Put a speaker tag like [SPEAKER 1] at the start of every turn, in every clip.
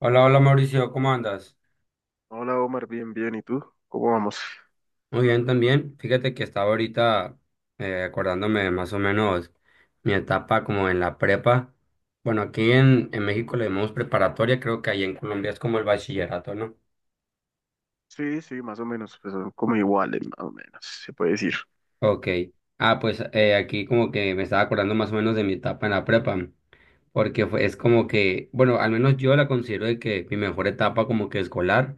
[SPEAKER 1] Hola, hola Mauricio, ¿cómo andas?
[SPEAKER 2] Hola Omar, bien, bien. ¿Y tú? ¿Cómo vamos?
[SPEAKER 1] Muy bien también. Fíjate que estaba ahorita acordándome de más o menos mi etapa como en la prepa. Bueno, aquí en México le llamamos preparatoria, creo que ahí en Colombia es como el bachillerato, ¿no?
[SPEAKER 2] Sí, sí, más o menos. Pues son como iguales, más o menos, se puede decir.
[SPEAKER 1] Ok. Pues aquí como que me estaba acordando más o menos de mi etapa en la prepa. Porque es como que, bueno, al menos yo la considero de que mi mejor etapa como que escolar,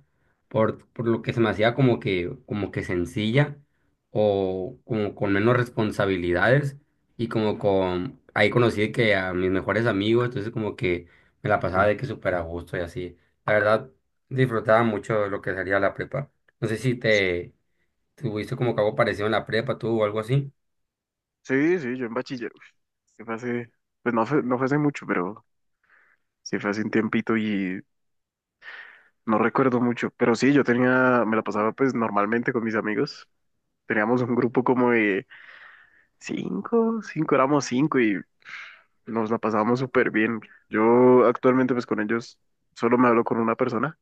[SPEAKER 1] por lo que se me hacía como que sencilla o como con menos responsabilidades y como con, ahí conocí que a mis mejores amigos, entonces como que me la pasaba de que súper a gusto y así. La verdad, disfrutaba mucho lo que sería la prepa. No sé si te tuviste como que algo parecido en la prepa tú o algo así.
[SPEAKER 2] Sí, sí, yo en bachiller. Sí fue hace, pues no fue hace mucho, pero sí fue hace un tiempito y no recuerdo mucho. Pero sí, yo tenía, me la pasaba pues normalmente con mis amigos. Teníamos un grupo como de cinco, cinco, éramos cinco y nos la pasábamos súper bien. Yo actualmente pues con ellos solo me hablo con una persona.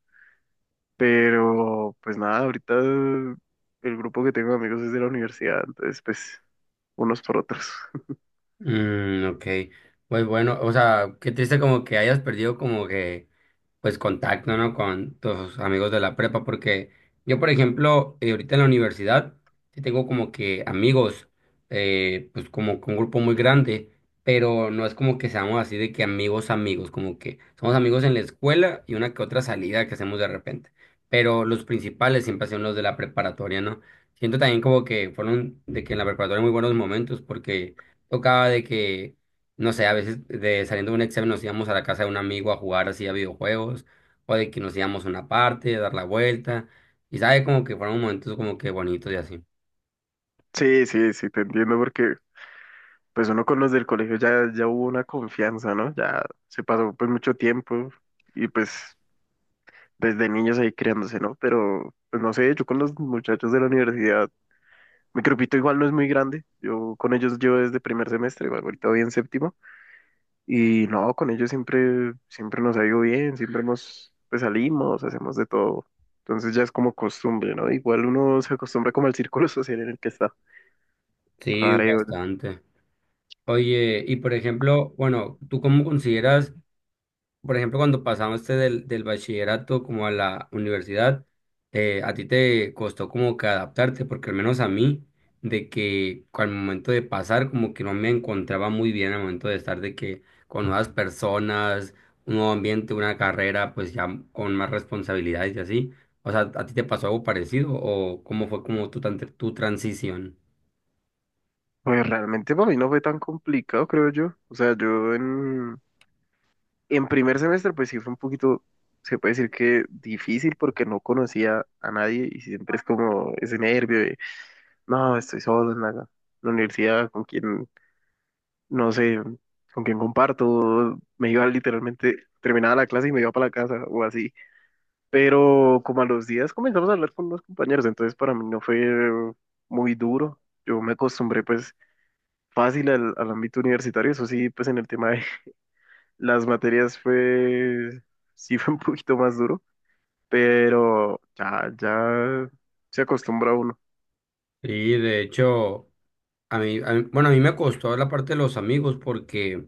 [SPEAKER 2] Pero pues nada, ahorita el grupo que tengo de amigos es de la universidad, entonces pues unos por otros.
[SPEAKER 1] Mm, ok. Pues bueno, o sea, qué triste como que hayas perdido como que pues contacto, ¿no? Con tus amigos de la prepa, porque yo, por ejemplo, ahorita en la universidad, sí tengo como que amigos, pues como con un grupo muy grande, pero no es como que seamos así de que amigos, amigos, como que somos amigos en la escuela y una que otra salida que hacemos de repente, pero los principales siempre son los de la preparatoria, ¿no? Siento también como que fueron de que en la preparatoria muy buenos momentos, porque tocaba de que no sé, a veces de saliendo de un examen nos íbamos a la casa de un amigo a jugar así a videojuegos, o de que nos íbamos a una parte, a dar la vuelta, y sabe como que fueron momentos como que bonitos y así.
[SPEAKER 2] Sí, sí, sí, te entiendo porque pues uno con los del colegio ya hubo una confianza, ¿no? Ya se pasó pues mucho tiempo y pues desde niños ahí criándose, ¿no? Pero pues no sé, yo con los muchachos de la universidad, mi grupito igual no es muy grande, yo con ellos yo desde primer semestre, bueno, ahorita voy en séptimo. Y no, con ellos siempre, siempre nos ha ido bien, siempre hemos, pues salimos, hacemos de todo. Entonces ya es como costumbre, ¿no? Igual uno se acostumbra como al círculo social en el que está.
[SPEAKER 1] Sí,
[SPEAKER 2] Creo yo.
[SPEAKER 1] bastante. Oye, y por ejemplo, bueno, ¿tú cómo consideras? Por ejemplo, cuando pasaste del bachillerato como a la universidad, a ti te costó como que adaptarte, porque al menos a mí, de que al momento de pasar, como que no me encontraba muy bien al momento de estar de que con nuevas personas, un nuevo ambiente, una carrera, pues ya con más responsabilidades y así. O sea, ¿a ti te pasó algo parecido o cómo fue como tu transición?
[SPEAKER 2] Pues realmente para mí no fue tan complicado, creo yo. O sea, yo en primer semestre pues sí fue un poquito, se puede decir que difícil porque no conocía a nadie y siempre es como ese nervio de, no, estoy solo en la universidad, ¿con quién? No sé con quién comparto, me iba literalmente, terminaba la clase y me iba para la casa o así. Pero como a los días comenzamos a hablar con unos compañeros, entonces para mí no fue muy duro. Yo me acostumbré pues fácil al ámbito universitario, eso sí, pues en el tema de las materias fue, sí fue un poquito más duro, pero ya, se acostumbra uno.
[SPEAKER 1] Sí, de hecho, bueno, a mí me costó la parte de los amigos porque…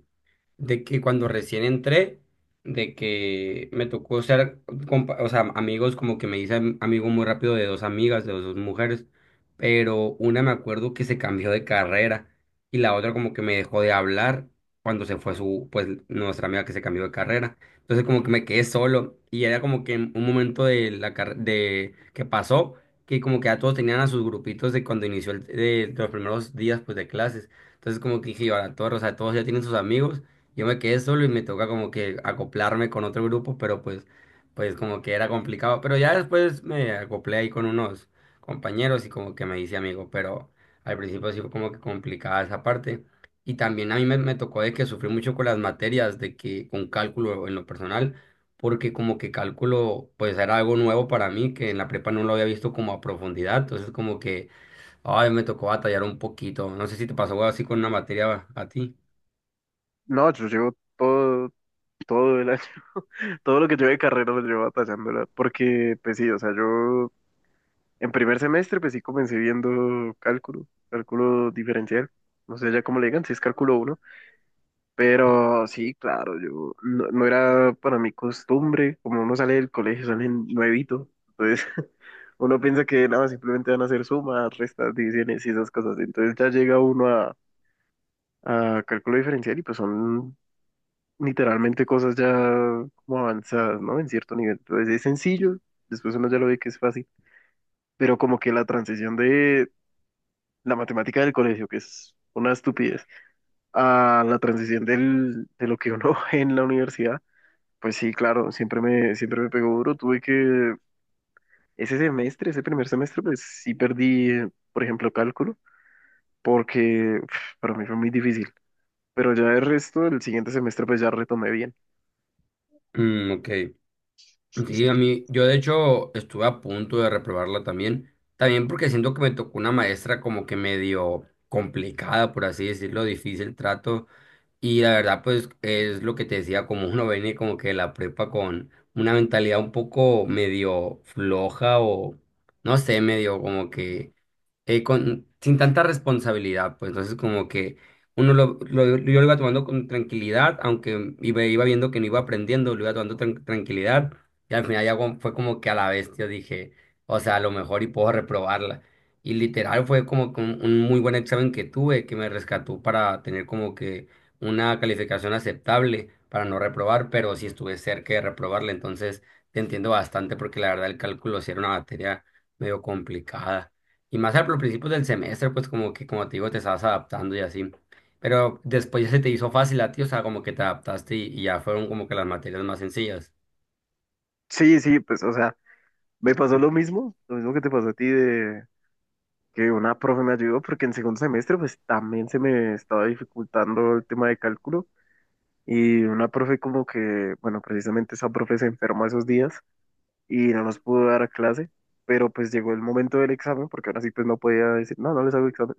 [SPEAKER 1] de que cuando recién entré, de que me tocó ser, o sea, amigos, como que me hice amigo muy rápido de dos amigas, de dos mujeres, pero una me acuerdo que se cambió de carrera y la otra como que me dejó de hablar cuando se fue su, pues, nuestra amiga que se cambió de carrera. Entonces como que me quedé solo y era como que un momento de la de que pasó, que como que ya todos tenían a sus grupitos de cuando inició el, de los primeros días pues de clases. Entonces como que dije, yo, ahora todos, o sea, todos ya tienen sus amigos, yo me quedé solo y me toca como que acoplarme con otro grupo, pues como que era complicado. Pero ya después me acoplé ahí con unos compañeros y como que me hice amigo, pero al principio sí fue como que complicada esa parte. Y también a mí me tocó de que sufrí mucho con las materias, de que con cálculo en lo personal, porque como que cálculo pues era algo nuevo para mí, que en la prepa no lo había visto como a profundidad. Entonces como que, ay, me tocó batallar un poquito. No sé si te pasó algo así con una materia a ti.
[SPEAKER 2] No, yo llevo todo todo el año, todo lo que yo de carrera lo llevo batallándola, porque pues sí, o sea, yo en primer semestre pues sí comencé viendo cálculo, cálculo diferencial, no sé ya cómo le digan, si es cálculo uno, pero sí, claro, yo no, no era para mi costumbre, como uno sale del colegio, sale nuevito, entonces uno piensa que nada, simplemente van a hacer sumas, restas, divisiones y esas cosas, entonces ya llega uno a cálculo diferencial y pues son literalmente cosas ya como avanzadas, ¿no? En cierto nivel. Entonces es sencillo, después uno ya lo ve que es fácil, pero como que la transición de la matemática del colegio, que es una estupidez, a la transición del, de lo que uno ve en la universidad, pues sí, claro, siempre me pegó duro. Tuve que, ese semestre, ese primer semestre, pues sí perdí, por ejemplo, cálculo, porque para mí fue muy difícil. Pero ya el resto, el siguiente semestre, pues ya retomé bien.
[SPEAKER 1] Mm, ok. Sí, yo de hecho estuve a punto de reprobarla también, también porque siento que me tocó una maestra como que medio complicada, por así decirlo, difícil trato, y la verdad pues es lo que te decía, como uno viene como que de la prepa con una mentalidad un poco medio floja o no sé, medio como que sin tanta responsabilidad, pues entonces como que uno yo lo iba tomando con tranquilidad, aunque iba viendo que no iba aprendiendo, lo iba tomando tranquilidad, y al final ya fue como que a la bestia dije, o sea, a lo mejor y puedo reprobarla. Y literal fue como que un muy buen examen que tuve, que me rescató para tener como que una calificación aceptable para no reprobar, pero sí estuve cerca de reprobarla, entonces te entiendo bastante porque la verdad el cálculo sí era una materia medio complicada. Y más al los principios del semestre, pues como que, como te digo, te estabas adaptando y así. Pero después ya se te hizo fácil a ti, o sea, como que te adaptaste y ya fueron como que las materias más sencillas.
[SPEAKER 2] Sí, sí, pues, o sea. Me pasó lo mismo que te pasó a ti de que una profe me ayudó porque en segundo semestre pues también se me estaba dificultando el tema de cálculo y una profe como que, bueno, precisamente esa profe se enfermó esos días y no nos pudo dar a clase, pero pues llegó el momento del examen porque ahora sí pues no podía decir, no, no les hago examen.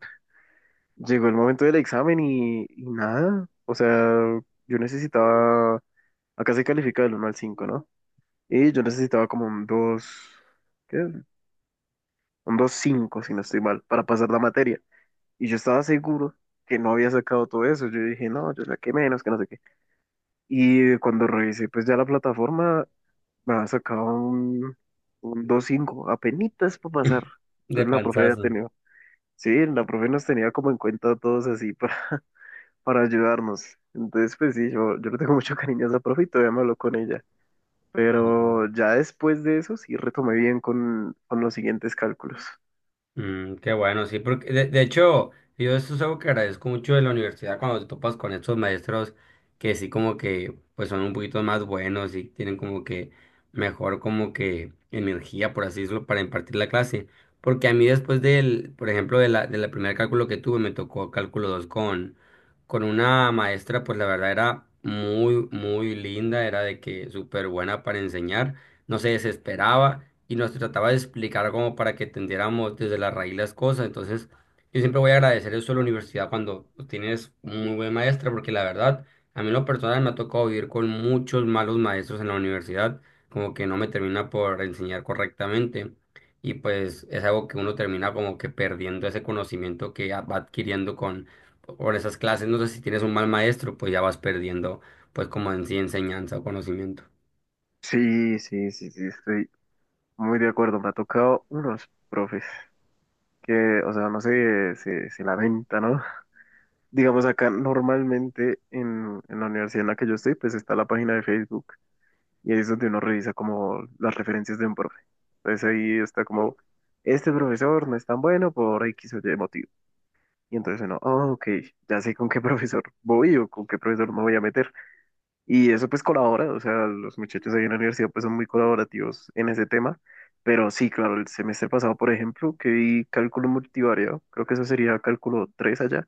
[SPEAKER 2] Llegó el momento del examen y nada, o sea, yo necesitaba, acá se califica del 1 al 5, ¿no? Y yo necesitaba como un dos, qué un 2,5 si no estoy mal, para pasar la materia. Y yo estaba seguro que no había sacado todo eso. Yo dije, no, yo saqué menos, que no sé qué. Y cuando revisé, pues ya la plataforma me había sacado un, 2,5 apenitas para pasar.
[SPEAKER 1] De
[SPEAKER 2] Entonces la profe había
[SPEAKER 1] panzazo.
[SPEAKER 2] tenido, sí, la profe nos tenía como en cuenta a todos así para ayudarnos. Entonces, pues sí, yo le tengo mucho cariño a esa profe y todavía me hablo con ella. Pero ya después de eso sí retomé bien con, los siguientes cálculos.
[SPEAKER 1] Mm, qué bueno, sí, porque de hecho, yo eso es algo que agradezco mucho de la universidad cuando te topas con estos maestros que sí como que pues son un poquito más buenos y tienen como que mejor como que energía, por así decirlo, para impartir la clase. Porque a mí después del, por ejemplo, de la primer cálculo que tuve, me tocó cálculo 2 con una maestra, pues la verdad era muy linda, era de que súper buena para enseñar, no se desesperaba y nos trataba de explicar como para que entendiéramos desde la raíz las cosas. Entonces, yo siempre voy a agradecer eso a la universidad cuando tienes un muy buen maestro, porque la verdad, a mí en lo personal me ha tocado vivir con muchos malos maestros en la universidad, como que no me termina por enseñar correctamente. Y pues es algo que uno termina como que perdiendo ese conocimiento que ya va adquiriendo con por esas clases. No sé si tienes un mal maestro, pues ya vas perdiendo pues como en sí enseñanza o conocimiento.
[SPEAKER 2] Sí, sí, sí, sí, estoy muy de acuerdo, me ha tocado unos profes que, o sea, no sé, se, lamentan, ¿no? Digamos acá normalmente en la universidad en la que yo estoy, pues está la página de Facebook y ahí es donde uno revisa como las referencias de un profe. Entonces ahí está como, este profesor no es tan bueno por X o Y motivo. Y entonces uno, "Ah, ok, ya sé con qué profesor voy o con qué profesor me voy a meter". Y eso pues colabora, o sea, los muchachos ahí en la universidad pues son muy colaborativos en ese tema, pero sí, claro, el semestre pasado, por ejemplo, que vi cálculo multivariado, creo que eso sería cálculo 3 allá,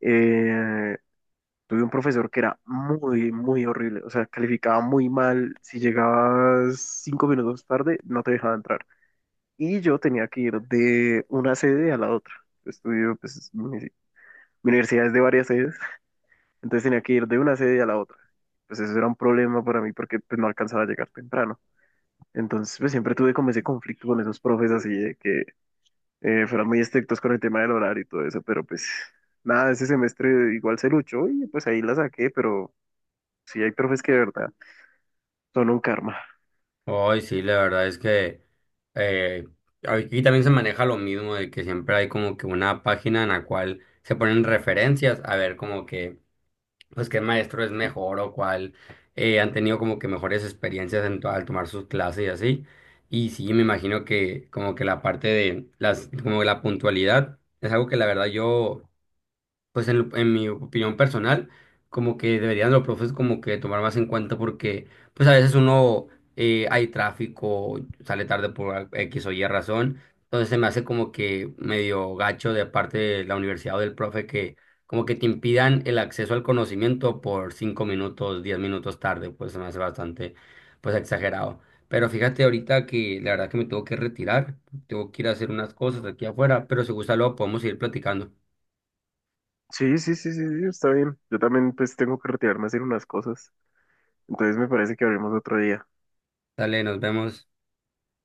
[SPEAKER 2] eh, tuve un profesor que era muy, muy horrible, o sea, calificaba muy mal, si llegabas 5 minutos tarde, no te dejaba entrar. Y yo tenía que ir de una sede a la otra. Estudio, pues, mi, universidad es de varias sedes, entonces tenía que ir de una sede a la otra. Pues eso era un problema para mí porque pues, no alcanzaba a llegar temprano. Entonces pues siempre tuve como ese conflicto con esos profes así de que fueran muy estrictos con el tema del horario y todo eso, pero pues nada, ese semestre igual se luchó y pues ahí la saqué, pero sí hay profes que de verdad son un karma.
[SPEAKER 1] Hoy sí, la verdad es que eh, aquí también se maneja lo mismo de que siempre hay como que una página en la cual se ponen referencias a ver como que pues qué maestro es mejor o cuál han tenido como que mejores experiencias en al tomar sus clases y así. Y sí, me imagino que como que la parte de las como la puntualidad es algo que la verdad yo pues en mi opinión personal, como que deberían los profes como que tomar más en cuenta porque pues a veces uno hay tráfico, sale tarde por X o Y razón, entonces se me hace como que medio gacho de parte de la universidad o del profe que como que te impidan el acceso al conocimiento por 5 minutos, 10 minutos tarde, pues se me hace bastante pues exagerado. Pero fíjate ahorita que la verdad que me tengo que retirar, tengo que ir a hacer unas cosas aquí afuera, pero si gusta luego podemos seguir platicando.
[SPEAKER 2] Sí, sí, sí, sí, sí, está bien. Yo también pues tengo que retirarme a hacer unas cosas. Entonces me parece que hablemos otro día.
[SPEAKER 1] Dale, nos vemos.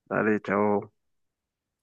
[SPEAKER 2] Dale, chao.